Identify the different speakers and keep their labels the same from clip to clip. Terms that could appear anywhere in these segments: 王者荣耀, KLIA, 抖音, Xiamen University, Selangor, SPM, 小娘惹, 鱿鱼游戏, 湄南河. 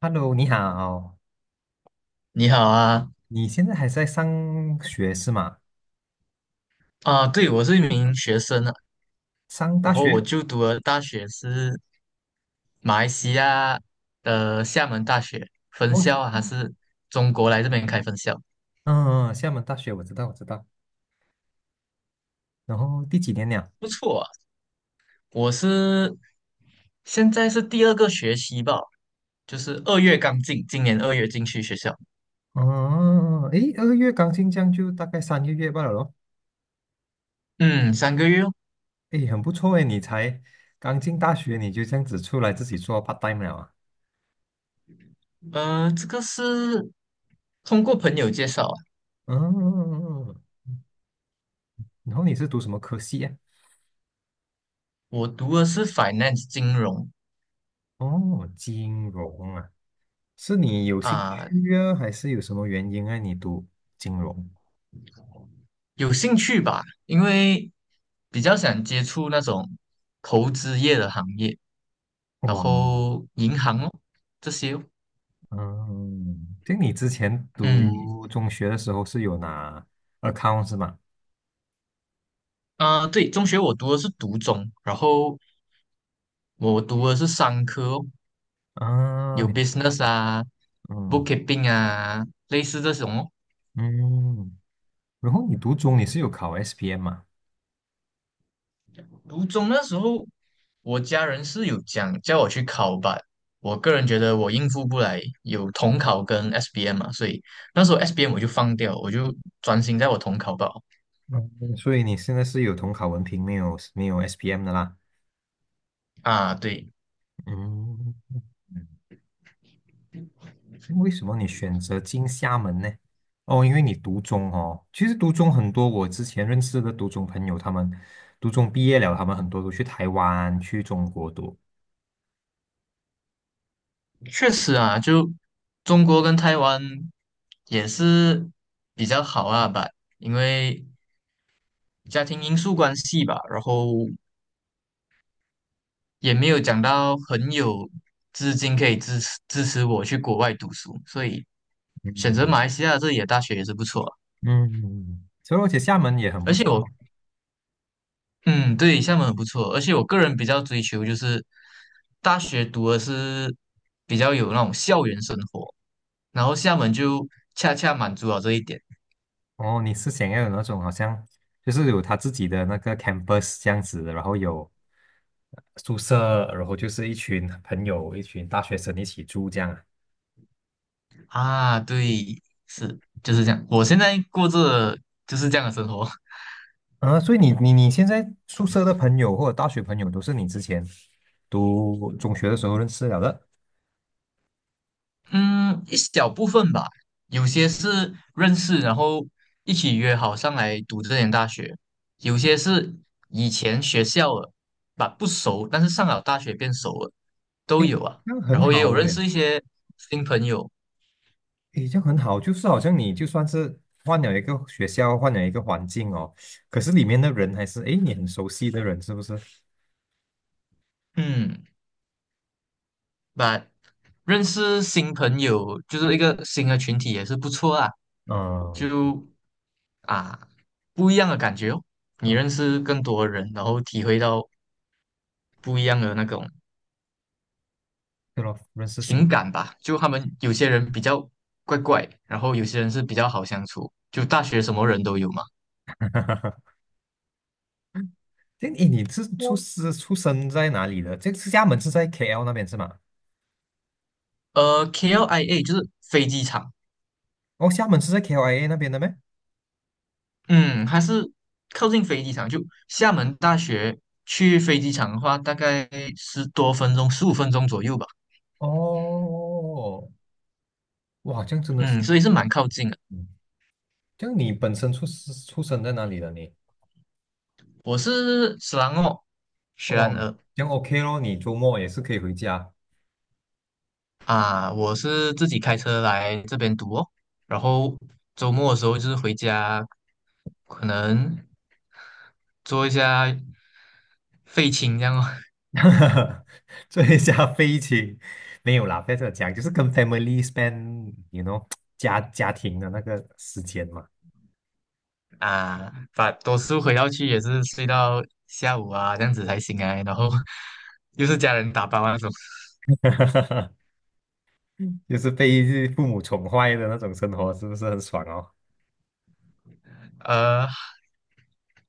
Speaker 1: Hello，你好，
Speaker 2: 你好啊，
Speaker 1: 你现在还在上学是吗？
Speaker 2: 啊，对，我是一名学生啊，
Speaker 1: 上
Speaker 2: 然
Speaker 1: 大
Speaker 2: 后
Speaker 1: 学？
Speaker 2: 我就读的大学是马来西亚的厦门大学分
Speaker 1: 哦，
Speaker 2: 校啊，还是中国来这边开分校，
Speaker 1: 嗯，嗯厦门大学我知道，我知道。然后第几年了？
Speaker 2: 不错啊。我是现在是第2个学期吧，就是二月刚进，今年二月进去学校，
Speaker 1: 哦，诶，二月刚进这样就大概三个月罢了咯。
Speaker 2: 嗯，3个月哦。
Speaker 1: 诶，很不错诶，你才刚进大学你就这样子出来自己做 part time 了啊？
Speaker 2: 这个是通过朋友介绍啊，
Speaker 1: 嗯，然后你是读什么科系啊？
Speaker 2: 我读的是 finance 金融
Speaker 1: 哦，金融啊，是你有兴
Speaker 2: 啊，
Speaker 1: 趣啊，还是有什么原因让你读金融？
Speaker 2: 有兴趣吧，因为比较想接触那种投资业的行业，然
Speaker 1: 哇！
Speaker 2: 后银行哦这些哦，
Speaker 1: 嗯，就你之前
Speaker 2: 嗯
Speaker 1: 读中学的时候是有拿 account 是吗？
Speaker 2: 啊、对，中学我读的是读中，然后我读的是商科哦
Speaker 1: 啊，
Speaker 2: 有
Speaker 1: 你
Speaker 2: business 啊
Speaker 1: 嗯
Speaker 2: ，bookkeeping 啊，类似这种哦。
Speaker 1: 嗯，然后你读中你是有考 SPM 嘛？
Speaker 2: 读中那时候，我家人是有讲叫我去考吧，我个人觉得我应付不来，有统考跟 SBM 嘛，所以那时候 SBM 我就放掉，我就专心在我统考吧。
Speaker 1: 嗯，所以你现在是有统考文凭，没有 SPM 的啦。
Speaker 2: 啊，对，
Speaker 1: 嗯嗯为什么你选择进厦门呢？哦，因为你读中哦，其实读中很多，我之前认识的读中朋友，他们读中毕业了，他们很多都去台湾、去中国读。
Speaker 2: 确实啊，就中国跟台湾也是比较好啊吧，因为家庭因素关系吧，然后也没有讲到很有资金可以支持我去国外读书，所以选择
Speaker 1: 嗯
Speaker 2: 马来西亚这里的大学也是不错啊
Speaker 1: 嗯，所以而且厦门也很
Speaker 2: 而
Speaker 1: 不
Speaker 2: 且
Speaker 1: 错
Speaker 2: 我，
Speaker 1: 嘛
Speaker 2: 嗯，对，厦门很不错，而且我个人比较追求就是大学读的是比较有那种校园生活，然后厦门就恰恰满足了这一点。
Speaker 1: 哦，你是想要有那种好像就是有他自己的那个 campus 这样子，然后有宿舍，然后就是一群朋友、一群大学生一起住这样啊。
Speaker 2: 啊，对，是就是这样。我现在过着就是这样的生活，
Speaker 1: 啊，所以你现在宿舍的朋友或者大学朋友都是你之前读中学的时候认识了的，
Speaker 2: 嗯，一小部分吧，有些是认识，然后一起约好上来读这间大学，有些是以前学校了，吧不熟，但是上了大学变熟了，都
Speaker 1: 诶，
Speaker 2: 有啊。
Speaker 1: 这样
Speaker 2: 然
Speaker 1: 很
Speaker 2: 后也
Speaker 1: 好
Speaker 2: 有认
Speaker 1: 诶，
Speaker 2: 识一些新朋友，
Speaker 1: 诶，这样很好，就是好像你就算是换了一个学校，换了一个环境哦，可是里面的人还是诶你很熟悉的人，是不是？
Speaker 2: 嗯，把认识新朋友就是一个新的群体也是不错啊，
Speaker 1: 嗯
Speaker 2: 就。啊，不一样的感觉哦。你
Speaker 1: 嗯，
Speaker 2: 认识更多的人，然后体会到不一样的那种
Speaker 1: 对咯，认识
Speaker 2: 情
Speaker 1: 新。
Speaker 2: 感吧。就他们有些人比较怪怪，然后有些人是比较好相处。就大学什么人都有嘛。
Speaker 1: 哈哈哈。这诶，你是出我是出生在哪里的？这是厦门是在 KL 那边是吗？
Speaker 2: KLIA 就是飞机场，
Speaker 1: 哦，厦门是在 KLIA 那边的咩？
Speaker 2: 嗯，还是靠近飞机场。就厦门大学去飞机场的话，大概10多分钟、15分钟左右吧。
Speaker 1: 哦，哇，这样真的是，
Speaker 2: 嗯，所以是蛮靠近的。
Speaker 1: 嗯这样你本身出世出生在哪里的你？
Speaker 2: 我是斯兰哦，雪兰
Speaker 1: 哦，
Speaker 2: 莪。
Speaker 1: 这样 OK 咯，你周末也是可以回家，
Speaker 2: 啊，我是自己开车来这边读哦，然后周末的时候就是回家，可能做一下废寝这样哦
Speaker 1: 哈哈哈，做一下飞行。没有啦，不要这样讲，就是跟 family spend，you know，家庭的那个时间嘛。
Speaker 2: 啊，把读书回到去也是睡到下午啊，这样子才醒来，然后 又是家人打包啊那种，
Speaker 1: 就是被父母宠坏的那种生活，是不是很爽哦？
Speaker 2: 呃，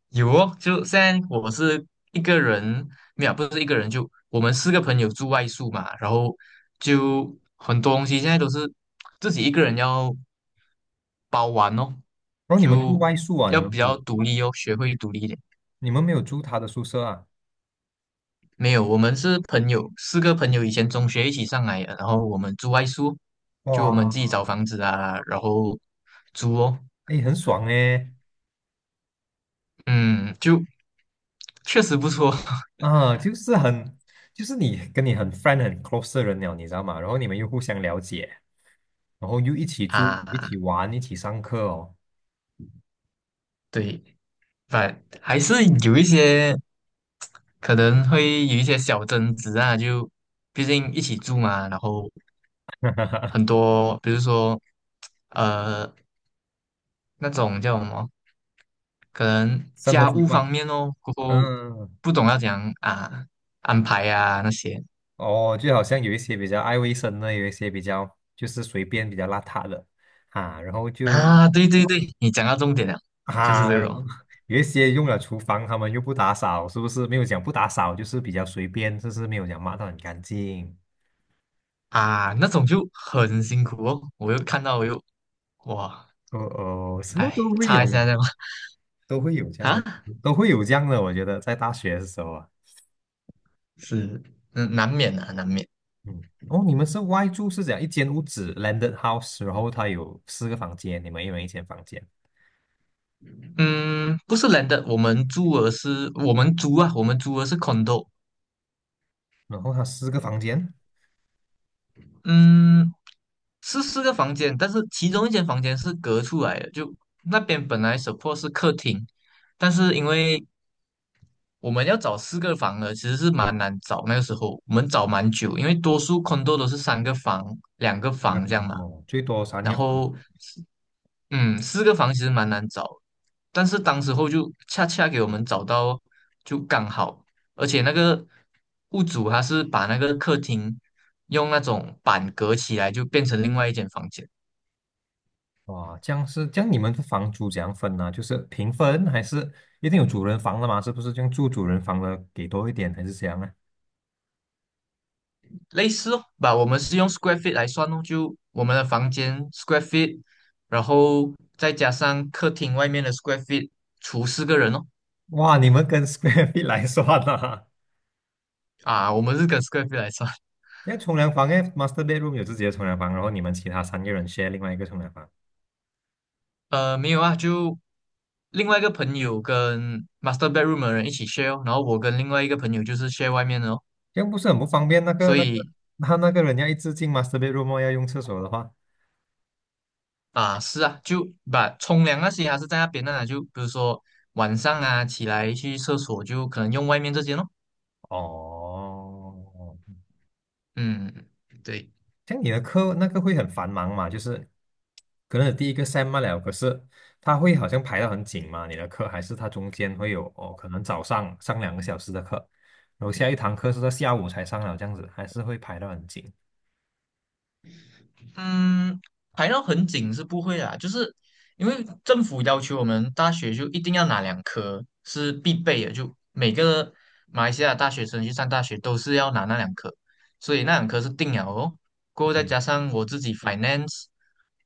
Speaker 2: 有哦，就现在我是一个人，没有，不是一个人，就我们四个朋友住外宿嘛，然后就很多东西现在都是自己一个人要包完哦，
Speaker 1: 然后你们嗯住
Speaker 2: 就
Speaker 1: 外宿啊？你
Speaker 2: 要
Speaker 1: 们
Speaker 2: 比
Speaker 1: 没有，
Speaker 2: 较独立哦，学会独立一点。
Speaker 1: 你们没有住他的宿舍啊？
Speaker 2: 没有，我们是朋友，四个朋友以前中学一起上来的，然后我们住外宿，就我们
Speaker 1: 哇，
Speaker 2: 自己找房子啊，然后租哦，
Speaker 1: 哎，很爽哎！
Speaker 2: 嗯，就确实不错
Speaker 1: 啊，就是很，就是你跟你很 friend 很 close 的人了，你知道吗？然后你们又互相了解，然后又一起 住，一
Speaker 2: 啊，
Speaker 1: 起玩，一起上课哦，
Speaker 2: 对，反还是有一些。可能会有一些小争执啊，就毕竟一起住嘛，然后很多，比如说，呃，那种叫什么，可能
Speaker 1: 生活
Speaker 2: 家
Speaker 1: 习
Speaker 2: 务方
Speaker 1: 惯，
Speaker 2: 面哦，过后
Speaker 1: 嗯，
Speaker 2: 不懂要怎样啊安排啊那些
Speaker 1: 哦，就好像有一些比较爱卫生的，有一些比较就是随便比较邋遢的啊，然后就
Speaker 2: 啊，对对对，你讲到重点了，就是
Speaker 1: 啊，
Speaker 2: 这
Speaker 1: 然后
Speaker 2: 种
Speaker 1: 有一些用了厨房，他们又不打扫，是不是？没有讲不打扫，就是比较随便，就是没有讲抹得很干净。
Speaker 2: 啊，那种就很辛苦哦，我又看到我又哇，
Speaker 1: 哦哦，什么
Speaker 2: 哎，
Speaker 1: 都会
Speaker 2: 擦
Speaker 1: 有，
Speaker 2: 一下这样
Speaker 1: 都会有这样的，
Speaker 2: 啊，
Speaker 1: 都会有这样的。我觉得在大学的时候啊，
Speaker 2: 是，嗯，难免的，难免。
Speaker 1: 嗯，哦，你们是外住是讲一间屋子 landed house，然后它有四个房间，你们一人一间房间，
Speaker 2: 嗯，不是人的，我们租的是 condo，
Speaker 1: 然后它四个房间，
Speaker 2: 嗯，是4个房间，但是其中一间房间是隔出来的，就那边本来 support 是客厅，但是因为我们要找四个房的，其实是蛮难找。那个时候我们找蛮久，因为多数 condo 都是3个房、两个
Speaker 1: 一个
Speaker 2: 房这
Speaker 1: 房
Speaker 2: 样嘛。
Speaker 1: 哦，最多三
Speaker 2: 然
Speaker 1: 个房
Speaker 2: 后，嗯，四个房其实蛮难找，但是当时候就恰恰给我们找到，就刚好。而且那个屋主他是把那个客厅用那种板隔起来，就变成另外一间房间。
Speaker 1: 哇，这样是这样，你们的房租怎样分呢、就是平分还是一定有主人房的嘛？是不是这样住主人房的给多一点还是怎样呢？
Speaker 2: 类似哦，吧，我们是用 square feet 来算哦，就我们的房间 square feet，然后再加上客厅外面的 square feet，除4个人哦。
Speaker 1: 哇，你们跟 square feet 来算呐、啊？
Speaker 2: 啊，我们是跟 square feet 来算。
Speaker 1: 因为冲凉房，因为 master bedroom 有自己的冲凉房，然后你们其他三个人 share 另外一个冲凉房，
Speaker 2: 没有啊，就另外一个朋友跟 master bedroom 的人一起 share 哦，然后我跟另外一个朋友就是 share 外面的哦。
Speaker 1: 这样不是很不方便？那个
Speaker 2: 所
Speaker 1: 那个
Speaker 2: 以
Speaker 1: 他那个人要一直进 master bedroom 哦要用厕所的话，
Speaker 2: 啊，是啊，就把冲凉那些还是在那边的啦，就比如说晚上啊起来去厕所就可能用外面这间哦。
Speaker 1: 哦，
Speaker 2: 嗯，对。
Speaker 1: 像你的课那个会很繁忙嘛，就是可能你第一个 sem 嘛了，可是它会好像排得很紧嘛，你的课还是它中间会有哦，可能早上上两个小时的课，然后下一堂课是在下午才上了，这样子还是会排得很紧。
Speaker 2: 嗯，排到很紧是不会啦，就是因为政府要求我们大学就一定要拿两科是必备的，就每个马来西亚大学生去上大学都是要拿那两科，所以那两科是定了哦。过后再
Speaker 1: 嗯
Speaker 2: 加上我自己 finance，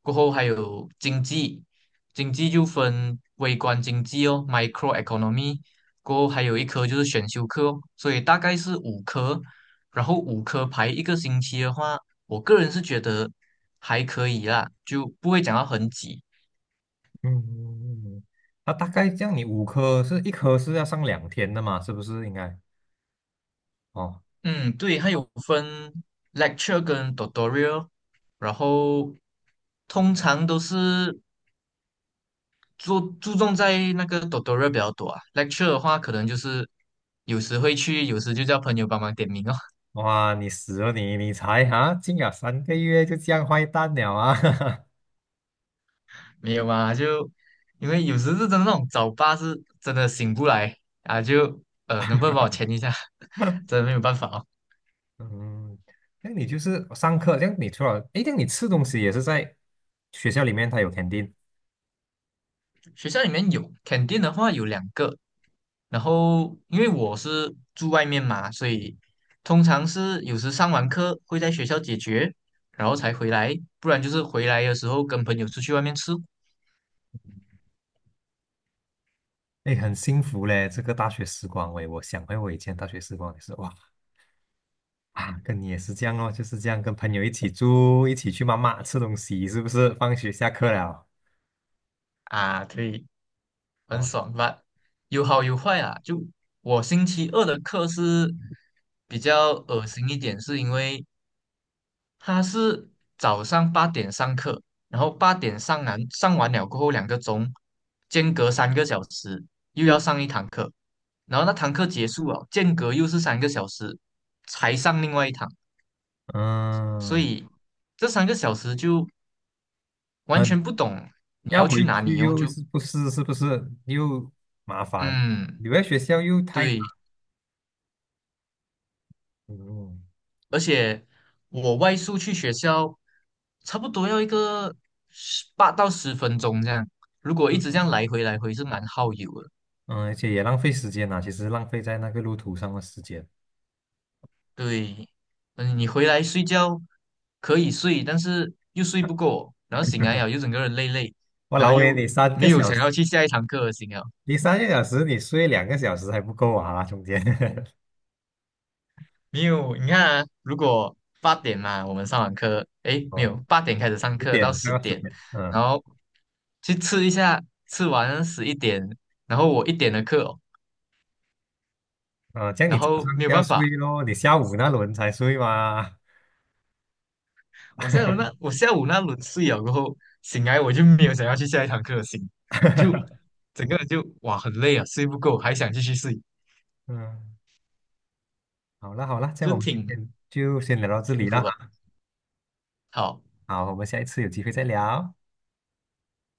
Speaker 2: 过后还有经济，经济就分微观经济哦，micro economy，过后还有一科就是选修课哦，所以大概是五科，然后五科排一个星期的话。我个人是觉得还可以啦，就不会讲到很挤。
Speaker 1: 嗯，那大概这样，你五科是一科是要上两天的嘛，是不是应该？哦，
Speaker 2: 嗯，对，它有分 lecture 跟 tutorial，然后通常都是注重在那个 tutorial 比较多啊。lecture 的话，可能就是有时会去，有时就叫朋友帮忙点名哦。
Speaker 1: 哇，你死了你，你才啊，进了三个月就这样坏蛋了啊！
Speaker 2: 没有嘛，就因为有时是真的那种早八是真的醒不来啊，就能不能帮我签一下？真的没有办法哦。
Speaker 1: 嗯，那你就是上课，这样你除了，诶，这样你吃东西也是在学校里面，他有肯定
Speaker 2: 学校里面有肯定的话有两个，然后因为我是住外面嘛，所以通常是有时上完课会在学校解决，然后才回来，不然就是回来的时候跟朋友出去外面吃
Speaker 1: n 诶，很幸福嘞，这个大学时光，喂，我想回我以前大学时光也是，哇啊，跟你也是这样哦，就是这样跟朋友一起住，一起去妈妈吃东西，是不是？放学下课了，
Speaker 2: 啊，对，很
Speaker 1: 哇，
Speaker 2: 爽吧？有好有坏啊。就我星期二的课是比较恶心一点，是因为他是早上八点上课，然后八点上完了过后2个钟，间隔三个小时又要上一堂课，然后那堂课结束了，间隔又是三个小时才上另外一堂，所
Speaker 1: 嗯，
Speaker 2: 以这三个小时就完
Speaker 1: 很
Speaker 2: 全不懂你
Speaker 1: 要
Speaker 2: 要去
Speaker 1: 回
Speaker 2: 哪
Speaker 1: 去
Speaker 2: 里哦，
Speaker 1: 又
Speaker 2: 就
Speaker 1: 是不是又麻烦，
Speaker 2: 嗯
Speaker 1: 留在学校又太长，
Speaker 2: 对，
Speaker 1: 嗯
Speaker 2: 而且我外宿去学校差不多要一个18到10分钟这样，如果一直这
Speaker 1: 嗯，
Speaker 2: 样来回来回是蛮耗油的。
Speaker 1: 而且也浪费时间呐、其实浪费在那个路途上的时间。
Speaker 2: 对，嗯，你回来睡觉可以睡，但是又睡不够，然后醒来了又整个人累累，
Speaker 1: 我
Speaker 2: 然后
Speaker 1: 老威，
Speaker 2: 又没有想要去下一堂课的心啊。
Speaker 1: 你三个小时，你睡两个小时还不够啊，中间
Speaker 2: 没有，你看啊，如果八点嘛，我们上完课，诶，没
Speaker 1: 哦，
Speaker 2: 有，八点开始上
Speaker 1: 十
Speaker 2: 课到
Speaker 1: 点
Speaker 2: 十
Speaker 1: 到十
Speaker 2: 点，
Speaker 1: 点，嗯
Speaker 2: 然后去吃一下，吃完11点，然后我一点的课哦
Speaker 1: 嗯，这样你
Speaker 2: 然
Speaker 1: 早
Speaker 2: 后没
Speaker 1: 上
Speaker 2: 有
Speaker 1: 不要
Speaker 2: 办
Speaker 1: 睡
Speaker 2: 法，
Speaker 1: 咯，你下午那轮才睡嘛。
Speaker 2: 我下午那 我下午那轮睡了过后，醒来我就没有想要去下一堂课的心，就整个人就哇很累啊，睡不够，还想继续睡，
Speaker 1: 嗯，好了好了，这样
Speaker 2: 就
Speaker 1: 我们今
Speaker 2: 挺
Speaker 1: 天就先聊到这
Speaker 2: 辛
Speaker 1: 里了
Speaker 2: 苦的。
Speaker 1: 哈。
Speaker 2: 好，
Speaker 1: 好，我们下一次有机会再聊。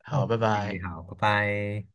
Speaker 2: 好，
Speaker 1: OK，
Speaker 2: 拜拜。
Speaker 1: 好，拜拜。